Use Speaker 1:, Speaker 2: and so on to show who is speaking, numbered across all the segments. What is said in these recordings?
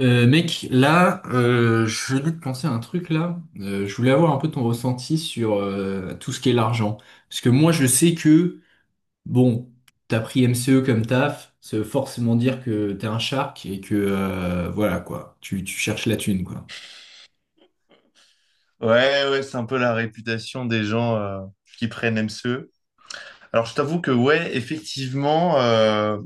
Speaker 1: Mec, là, je venais de penser à un truc là. Je voulais avoir un peu ton ressenti sur tout ce qui est l'argent. Parce que moi, je sais que, bon, t'as pris MCE comme taf, ça veut forcément dire que t'es un shark et que, voilà, quoi, tu cherches la thune, quoi.
Speaker 2: Ouais, ouais, c'est un peu la réputation des gens qui prennent MCE. Alors, je t'avoue que, ouais, effectivement,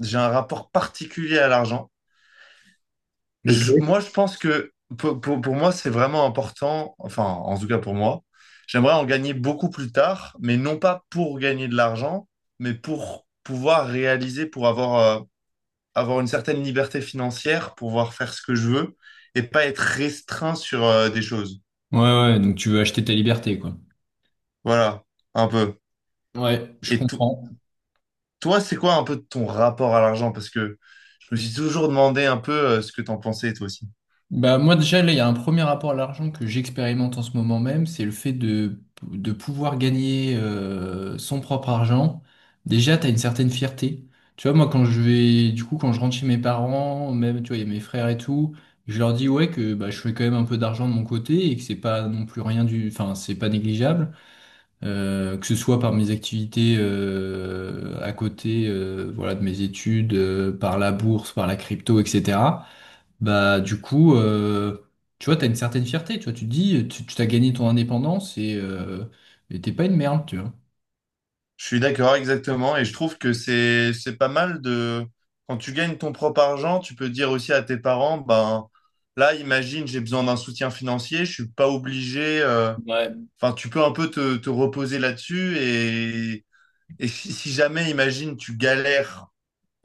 Speaker 2: j'ai un rapport particulier à l'argent.
Speaker 1: Ok.
Speaker 2: Moi, je pense que pour moi, c'est vraiment important, enfin, en tout cas pour moi, j'aimerais en gagner beaucoup plus tard, mais non pas pour gagner de l'argent, mais pour pouvoir réaliser, pour avoir, avoir une certaine liberté financière, pouvoir faire ce que je veux et pas être restreint sur, des choses.
Speaker 1: Ouais, ouais, donc tu veux acheter ta liberté, quoi.
Speaker 2: Voilà, un peu.
Speaker 1: Ouais, je
Speaker 2: Et, to-
Speaker 1: comprends.
Speaker 2: Toi, c'est quoi un peu ton rapport à l'argent? Parce que je me suis toujours demandé un peu ce que t'en pensais toi aussi.
Speaker 1: Bah, moi déjà, là, il y a un premier rapport à l'argent que j'expérimente en ce moment même, c'est le fait de pouvoir gagner son propre argent. Déjà, tu as une certaine fierté. Tu vois, moi, quand je vais, du coup, quand je rentre chez mes parents, même, tu vois, il y a mes frères et tout, je leur dis, ouais, que bah, je fais quand même un peu d'argent de mon côté et que c'est pas non plus rien du, enfin, c'est pas négligeable. Que ce soit par mes activités à côté, voilà, de mes études, par la bourse, par la crypto, etc. Bah, du coup, tu vois, t'as une certaine fierté, tu vois, tu te dis, tu t'as gagné ton indépendance et t'es pas une merde, tu vois.
Speaker 2: Je suis d'accord exactement et je trouve que c'est pas mal de quand tu gagnes ton propre argent, tu peux dire aussi à tes parents, ben là, imagine, j'ai besoin d'un soutien financier, je suis pas obligé.
Speaker 1: Ouais.
Speaker 2: Enfin, tu peux un peu te reposer là-dessus et si jamais, imagine, tu galères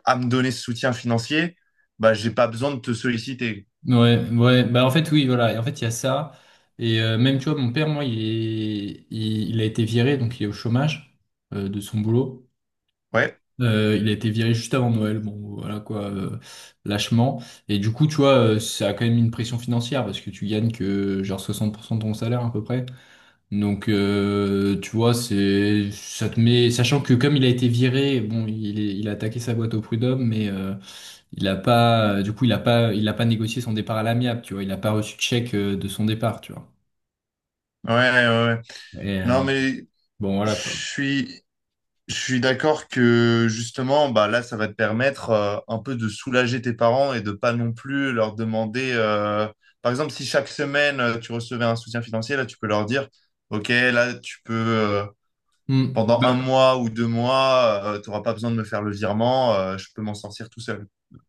Speaker 2: à me donner ce soutien financier, bah j'ai pas besoin de te solliciter.
Speaker 1: Ouais, ouais, bah en fait oui, voilà, et en fait il y a ça, et même tu vois, mon père, moi, il a été viré, donc il est au chômage de son boulot.
Speaker 2: Ouais,
Speaker 1: Il a été viré juste avant Noël, bon, voilà quoi, lâchement, et du coup, tu vois, ça a quand même une pression financière, parce que tu gagnes que genre 60% de ton salaire à peu près. Donc, tu vois, c'est, ça te met, sachant que comme il a été viré, bon, il a attaqué sa boîte au prud'homme, mais il a pas, du coup, il a pas négocié son départ à l'amiable, tu vois, il a pas reçu de chèque de son départ, tu vois.
Speaker 2: ouais, ouais. Ouais.
Speaker 1: Et
Speaker 2: Non, mais
Speaker 1: bon,
Speaker 2: je
Speaker 1: voilà quoi.
Speaker 2: suis, je suis d'accord que justement, bah là, ça va te permettre un peu de soulager tes parents et de pas non plus leur demander. Par exemple, si chaque semaine tu recevais un soutien financier, là, tu peux leur dire, OK, là, tu peux
Speaker 1: Hmm.
Speaker 2: pendant un mois ou deux mois, tu n'auras pas besoin de me faire le virement, je peux m'en sortir tout seul.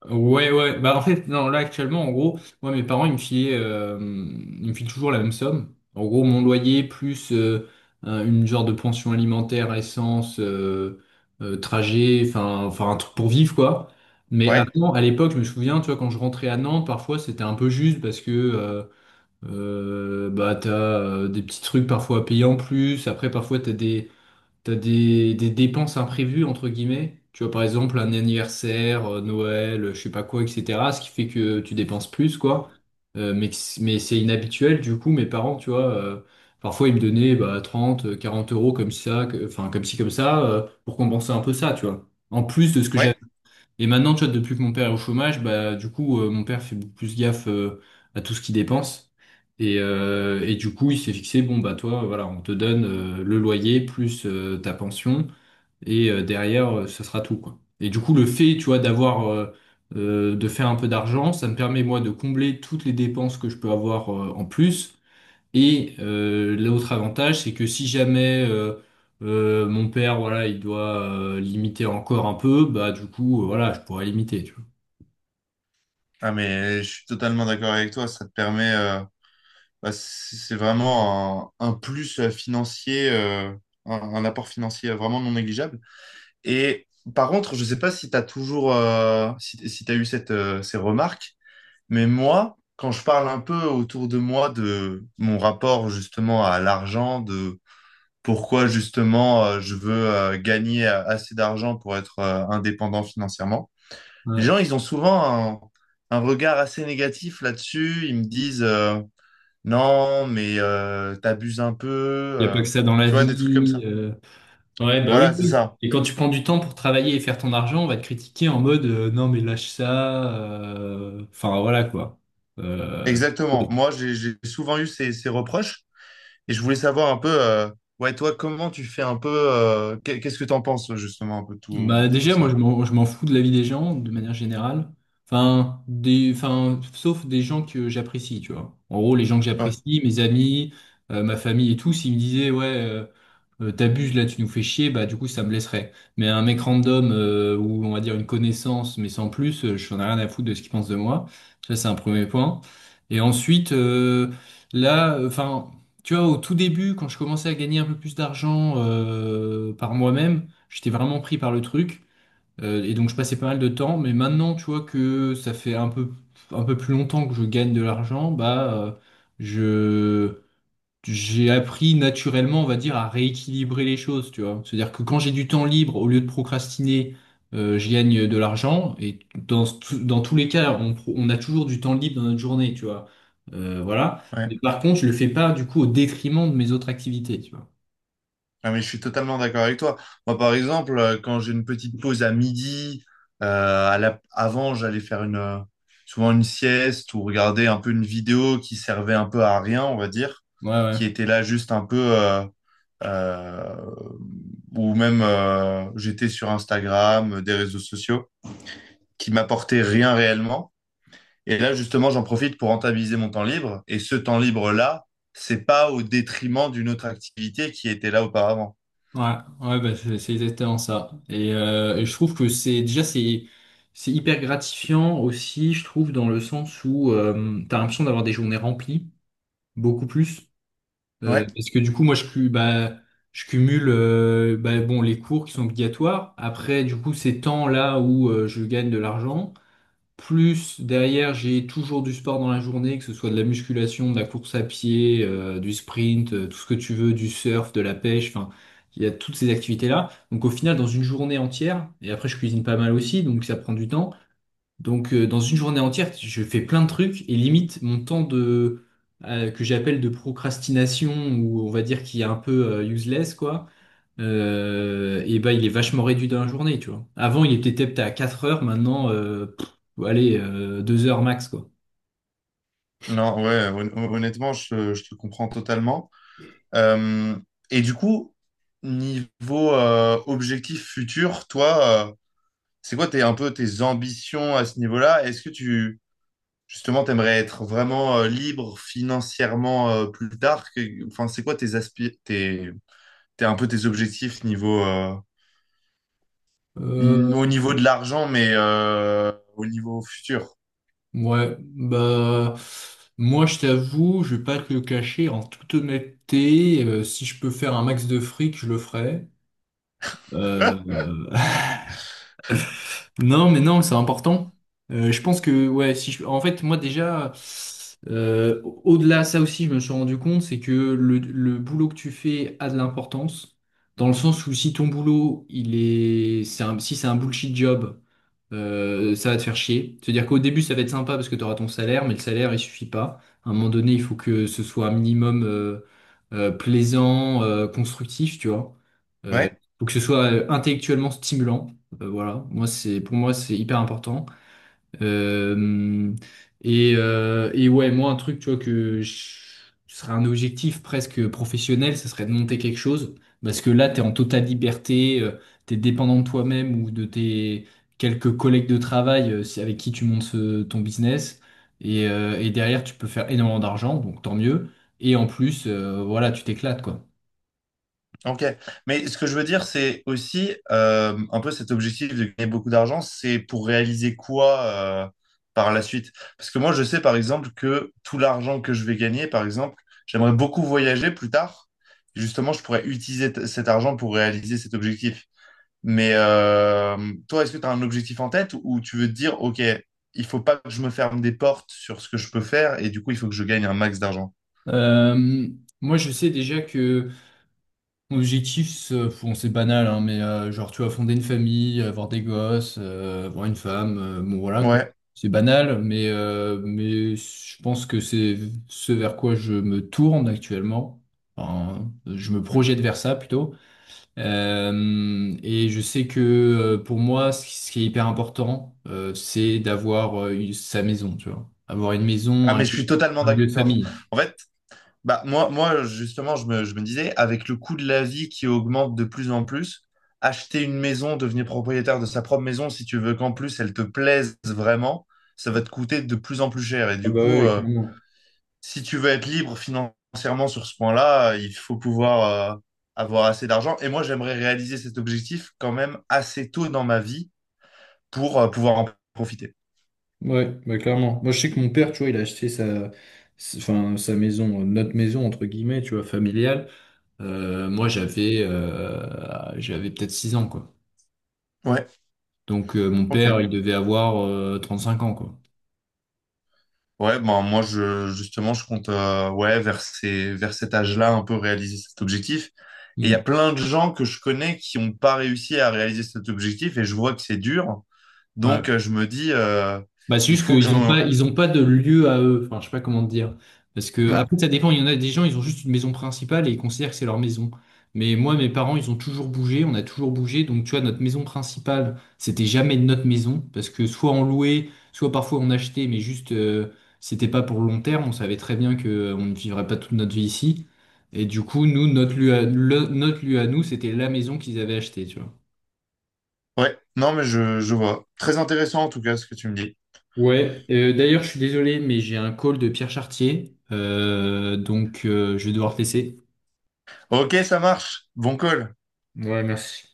Speaker 1: Ouais, ouais. Bah, en fait, non, là, actuellement, en gros, moi, mes parents, ils me filaient, ils me filent toujours la même somme. En gros, mon loyer plus une genre de pension alimentaire, essence, trajet, enfin, enfin, un truc pour vivre, quoi. Mais, ouais,
Speaker 2: Ouais,
Speaker 1: avant, à l'époque, je me souviens, tu vois, quand je rentrais à Nantes, parfois, c'était un peu juste parce que, bah, t'as des petits trucs parfois à payer en plus. Après, parfois, t'as des dépenses imprévues, entre guillemets. Tu vois, par exemple, un anniversaire, Noël, je sais pas quoi, etc. Ce qui fait que tu dépenses plus, quoi. Mais mais c'est inhabituel, du coup, mes parents, tu vois, parfois ils me donnaient bah, 30, 40 € comme ça, enfin, comme ci, comme ça, pour compenser un peu ça, tu vois. En plus de ce que j'avais
Speaker 2: ouais.
Speaker 1: et maintenant, tu vois, depuis que mon père est au chômage, bah du coup, mon père fait beaucoup plus gaffe à tout ce qu'il dépense. Et du coup, il s'est fixé, bon bah toi, voilà, on te donne le loyer plus ta pension, et derrière, ce sera tout, quoi. Et du coup, le fait, tu vois, d'avoir de faire un peu d'argent, ça me permet moi de combler toutes les dépenses que je peux avoir en plus. Et l'autre avantage, c'est que si jamais mon père, voilà, il doit limiter encore un peu, bah du coup, voilà, je pourrais limiter, tu
Speaker 2: Ah, mais je suis totalement d'accord avec toi. Ça te permet, bah, c'est vraiment un plus financier, un apport financier vraiment non négligeable. Et par contre, je sais pas si tu as toujours, si, si tu as eu cette, ces remarques, mais moi, quand je parle un peu autour de moi de mon rapport justement à l'argent, de pourquoi justement je veux gagner assez d'argent pour être indépendant financièrement, les
Speaker 1: vois.
Speaker 2: gens, ils ont souvent un regard assez négatif là-dessus. Ils me disent, non, mais t'abuses un peu,
Speaker 1: Il n'y a pas que ça dans la
Speaker 2: tu vois, des trucs comme
Speaker 1: vie.
Speaker 2: ça.
Speaker 1: Ouais, bah
Speaker 2: Voilà,
Speaker 1: oui,
Speaker 2: c'est
Speaker 1: oui.
Speaker 2: ça.
Speaker 1: Et quand tu prends du temps pour travailler et faire ton argent, on va te critiquer en mode non mais lâche ça. Enfin voilà quoi. Euh,
Speaker 2: Exactement. Moi, j'ai souvent eu ces, ces reproches et je voulais savoir un peu, ouais, toi, comment tu fais un peu, qu'est- qu'est-ce que t'en penses justement un peu
Speaker 1: Bah
Speaker 2: de tout
Speaker 1: déjà, moi
Speaker 2: ça?
Speaker 1: je m'en fous de la vie des gens de manière générale. Enfin, des, enfin, sauf des gens que j'apprécie, tu vois. En gros, les gens que
Speaker 2: Ouais,
Speaker 1: j'apprécie, mes amis, ma famille et tout, s'ils me disaient, ouais, t'abuses là, tu nous fais chier, bah du coup ça me blesserait. Mais un mec random ou on va dire une connaissance, mais sans plus, je n'en ai rien à foutre de ce qu'il pense de moi. Ça c'est un premier point. Et ensuite, là, enfin, tu vois, au tout début, quand je commençais à gagner un peu plus d'argent par moi-même. J'étais vraiment pris par le truc. Et donc je passais pas mal de temps. Mais maintenant, tu vois que ça fait un peu plus longtemps que je gagne de l'argent, bah je j'ai appris naturellement, on va dire, à rééquilibrer les choses, tu vois. C'est-à-dire que quand j'ai du temps libre, au lieu de procrastiner, je gagne de l'argent. Et dans, dans tous les cas, on a toujours du temps libre dans notre journée, tu vois. Voilà.
Speaker 2: ouais.
Speaker 1: Mais par contre, je le fais pas du coup au détriment de mes autres activités, tu vois.
Speaker 2: Ah, mais je suis totalement d'accord avec toi. Moi, par exemple, quand j'ai une petite pause à midi, à la- avant, j'allais faire une, souvent une sieste ou regarder un peu une vidéo qui servait un peu à rien, on va dire,
Speaker 1: Ouais, ouais.
Speaker 2: qui était là juste un peu, euh, ou même j'étais sur Instagram, des réseaux sociaux, qui m'apportait rien réellement. Et là, justement, j'en profite pour rentabiliser mon temps libre. Et ce temps libre-là, c'est pas au détriment d'une autre activité qui était là auparavant.
Speaker 1: Ouais, ouais, bah, c'est exactement ça. Et je trouve que c'est déjà c'est hyper gratifiant aussi, je trouve, dans le sens où t'as l'impression d'avoir des journées remplies, beaucoup plus.
Speaker 2: Ouais,
Speaker 1: Parce que du coup, bah, je cumule bah, bon, les cours qui sont obligatoires. Après, du coup, ces temps-là où je gagne de l'argent. Plus derrière, j'ai toujours du sport dans la journée, que ce soit de la musculation, de la course à pied, du sprint, tout ce que tu veux, du surf, de la pêche, enfin, il y a toutes ces activités-là. Donc au final, dans une journée entière, et après je cuisine pas mal aussi, donc ça prend du temps. Donc dans une journée entière, je fais plein de trucs et limite mon temps de que j'appelle de procrastination ou on va dire qui est un peu useless quoi et bah il est vachement réduit dans la journée, tu vois. Avant, il était peut-être à 4 heures, maintenant, pff, allez, 2 heures max, quoi.
Speaker 2: non, ouais, hon- honnêtement, je te comprends totalement. Euh, et du coup, niveau objectif futur, toi, c'est quoi tes, un peu tes ambitions à ce niveau-là? Est-ce que tu, justement, t'aimerais être vraiment libre financièrement plus tard? Que- enfin, c'est quoi tes aspi- tes, t'es un peu tes objectifs niveau, n-
Speaker 1: Euh,
Speaker 2: au niveau de l'argent, mais au niveau futur.
Speaker 1: ouais, bah, moi je t'avoue, je vais pas te le cacher, en toute honnêteté, si je peux faire un max de fric, je le ferai. Euh, Non, mais non, c'est important. Je pense que, ouais, si je- en fait, moi déjà, au-delà de ça aussi, je me suis rendu compte, c'est que le boulot que tu fais a de l'importance, dans le sens où si ton boulot, il est, si c'est un bullshit job, ça va te faire chier. C'est-à-dire qu'au début, ça va être sympa parce que tu auras ton salaire, mais le salaire, il suffit pas. À un moment donné, il faut que ce soit un minimum plaisant, constructif, tu vois. Euh,
Speaker 2: Ouais.
Speaker 1: faut que ce soit intellectuellement stimulant. Voilà. Moi, c'est, pour moi, c'est hyper important. Euh, et ouais, moi, un truc, tu vois, ce serait un objectif presque professionnel, ce serait de monter quelque chose, parce que là, t'es en totale liberté, t'es dépendant de toi-même ou de tes quelques collègues de travail avec qui tu montes ton business, et derrière, tu peux faire énormément d'argent, donc tant mieux, et en plus, voilà, tu t'éclates, quoi.
Speaker 2: Ok. Mais ce que je veux dire, c'est aussi un peu cet objectif de gagner beaucoup d'argent, c'est pour réaliser quoi euh, par la suite? Parce que moi, je sais par exemple que tout l'argent que je vais gagner, par exemple, j'aimerais beaucoup voyager plus tard. Justement, je pourrais utiliser t- cet argent pour réaliser cet objectif. Mais toi, est-ce que tu as un objectif en tête ou tu veux te dire, OK, il faut pas que je me ferme des portes sur ce que je peux faire et du coup, il faut que je gagne un max d'argent.
Speaker 1: Euh, moi, je sais déjà que... Mon objectif, c'est bon, c'est banal, hein, mais genre, tu vois, fonder une famille, avoir des gosses, avoir une femme, bon, voilà, quoi.
Speaker 2: Ouais.
Speaker 1: C'est banal, mais je pense que c'est ce vers quoi je me tourne actuellement. Enfin, je me
Speaker 2: Mm.
Speaker 1: projette vers ça plutôt. Et je sais que pour moi, ce qui est hyper important, c'est d'avoir sa maison, tu vois. Avoir une maison,
Speaker 2: Ah,
Speaker 1: un,
Speaker 2: mais je
Speaker 1: lieu
Speaker 2: suis totalement
Speaker 1: un lieu de
Speaker 2: d'accord.
Speaker 1: famille.
Speaker 2: En fait, bah, justement, je me disais, avec le coût de la vie qui augmente de plus en plus, acheter une maison, devenir propriétaire de sa propre maison, si tu veux qu'en plus elle te plaise vraiment, ça va te coûter de plus en plus cher. Et
Speaker 1: Ah
Speaker 2: du
Speaker 1: bah
Speaker 2: coup,
Speaker 1: ouais, clairement.
Speaker 2: si tu veux être libre financièrement sur ce point-là, il faut pouvoir avoir assez d'argent. Et moi, j'aimerais réaliser cet objectif quand même assez tôt dans ma vie pour pouvoir en profiter.
Speaker 1: Ouais, bah clairement. Moi, je sais que mon père, tu vois, il a acheté sa, enfin, sa maison, notre maison, entre guillemets, tu vois, familiale. Moi, j'avais peut-être 6 ans, quoi.
Speaker 2: Ouais,
Speaker 1: Donc, mon père,
Speaker 2: ok.
Speaker 1: il devait avoir 5 ans, quoi.
Speaker 2: Ouais, ben moi je justement je compte ouais vers ces vers cet âge-là un peu réaliser cet objectif. Et il y a
Speaker 1: Mm.
Speaker 2: plein de gens que je connais qui n'ont pas réussi à réaliser cet objectif et je vois que c'est dur.
Speaker 1: Ouais.
Speaker 2: Donc je me dis
Speaker 1: Bah, c'est
Speaker 2: il
Speaker 1: juste
Speaker 2: faut que
Speaker 1: qu'ils n'ont pas,
Speaker 2: j'en
Speaker 1: ils ont pas de lieu à eux. Enfin, je sais pas comment te dire. Parce que,
Speaker 2: Hmm.
Speaker 1: après, ça dépend. Il y en a des gens, ils ont juste une maison principale et ils considèrent que c'est leur maison. Mais moi, mes parents, ils ont toujours bougé. On a toujours bougé. Donc, tu vois, notre maison principale, c'était jamais notre maison. Parce que soit on louait, soit parfois on achetait, mais juste, c'était pas pour le long terme. On savait très bien que, on ne vivrait pas toute notre vie ici. Et du coup, nous, notre lieu à nous, c'était la maison qu'ils avaient achetée, tu vois.
Speaker 2: Ouais, non mais je vois. Très intéressant en tout cas ce que tu me dis.
Speaker 1: Ouais, d'ailleurs, je suis désolé, mais j'ai un call de Pierre Chartier, donc je vais devoir te laisser.
Speaker 2: Ok, ça marche. Bon call.
Speaker 1: Ouais, merci.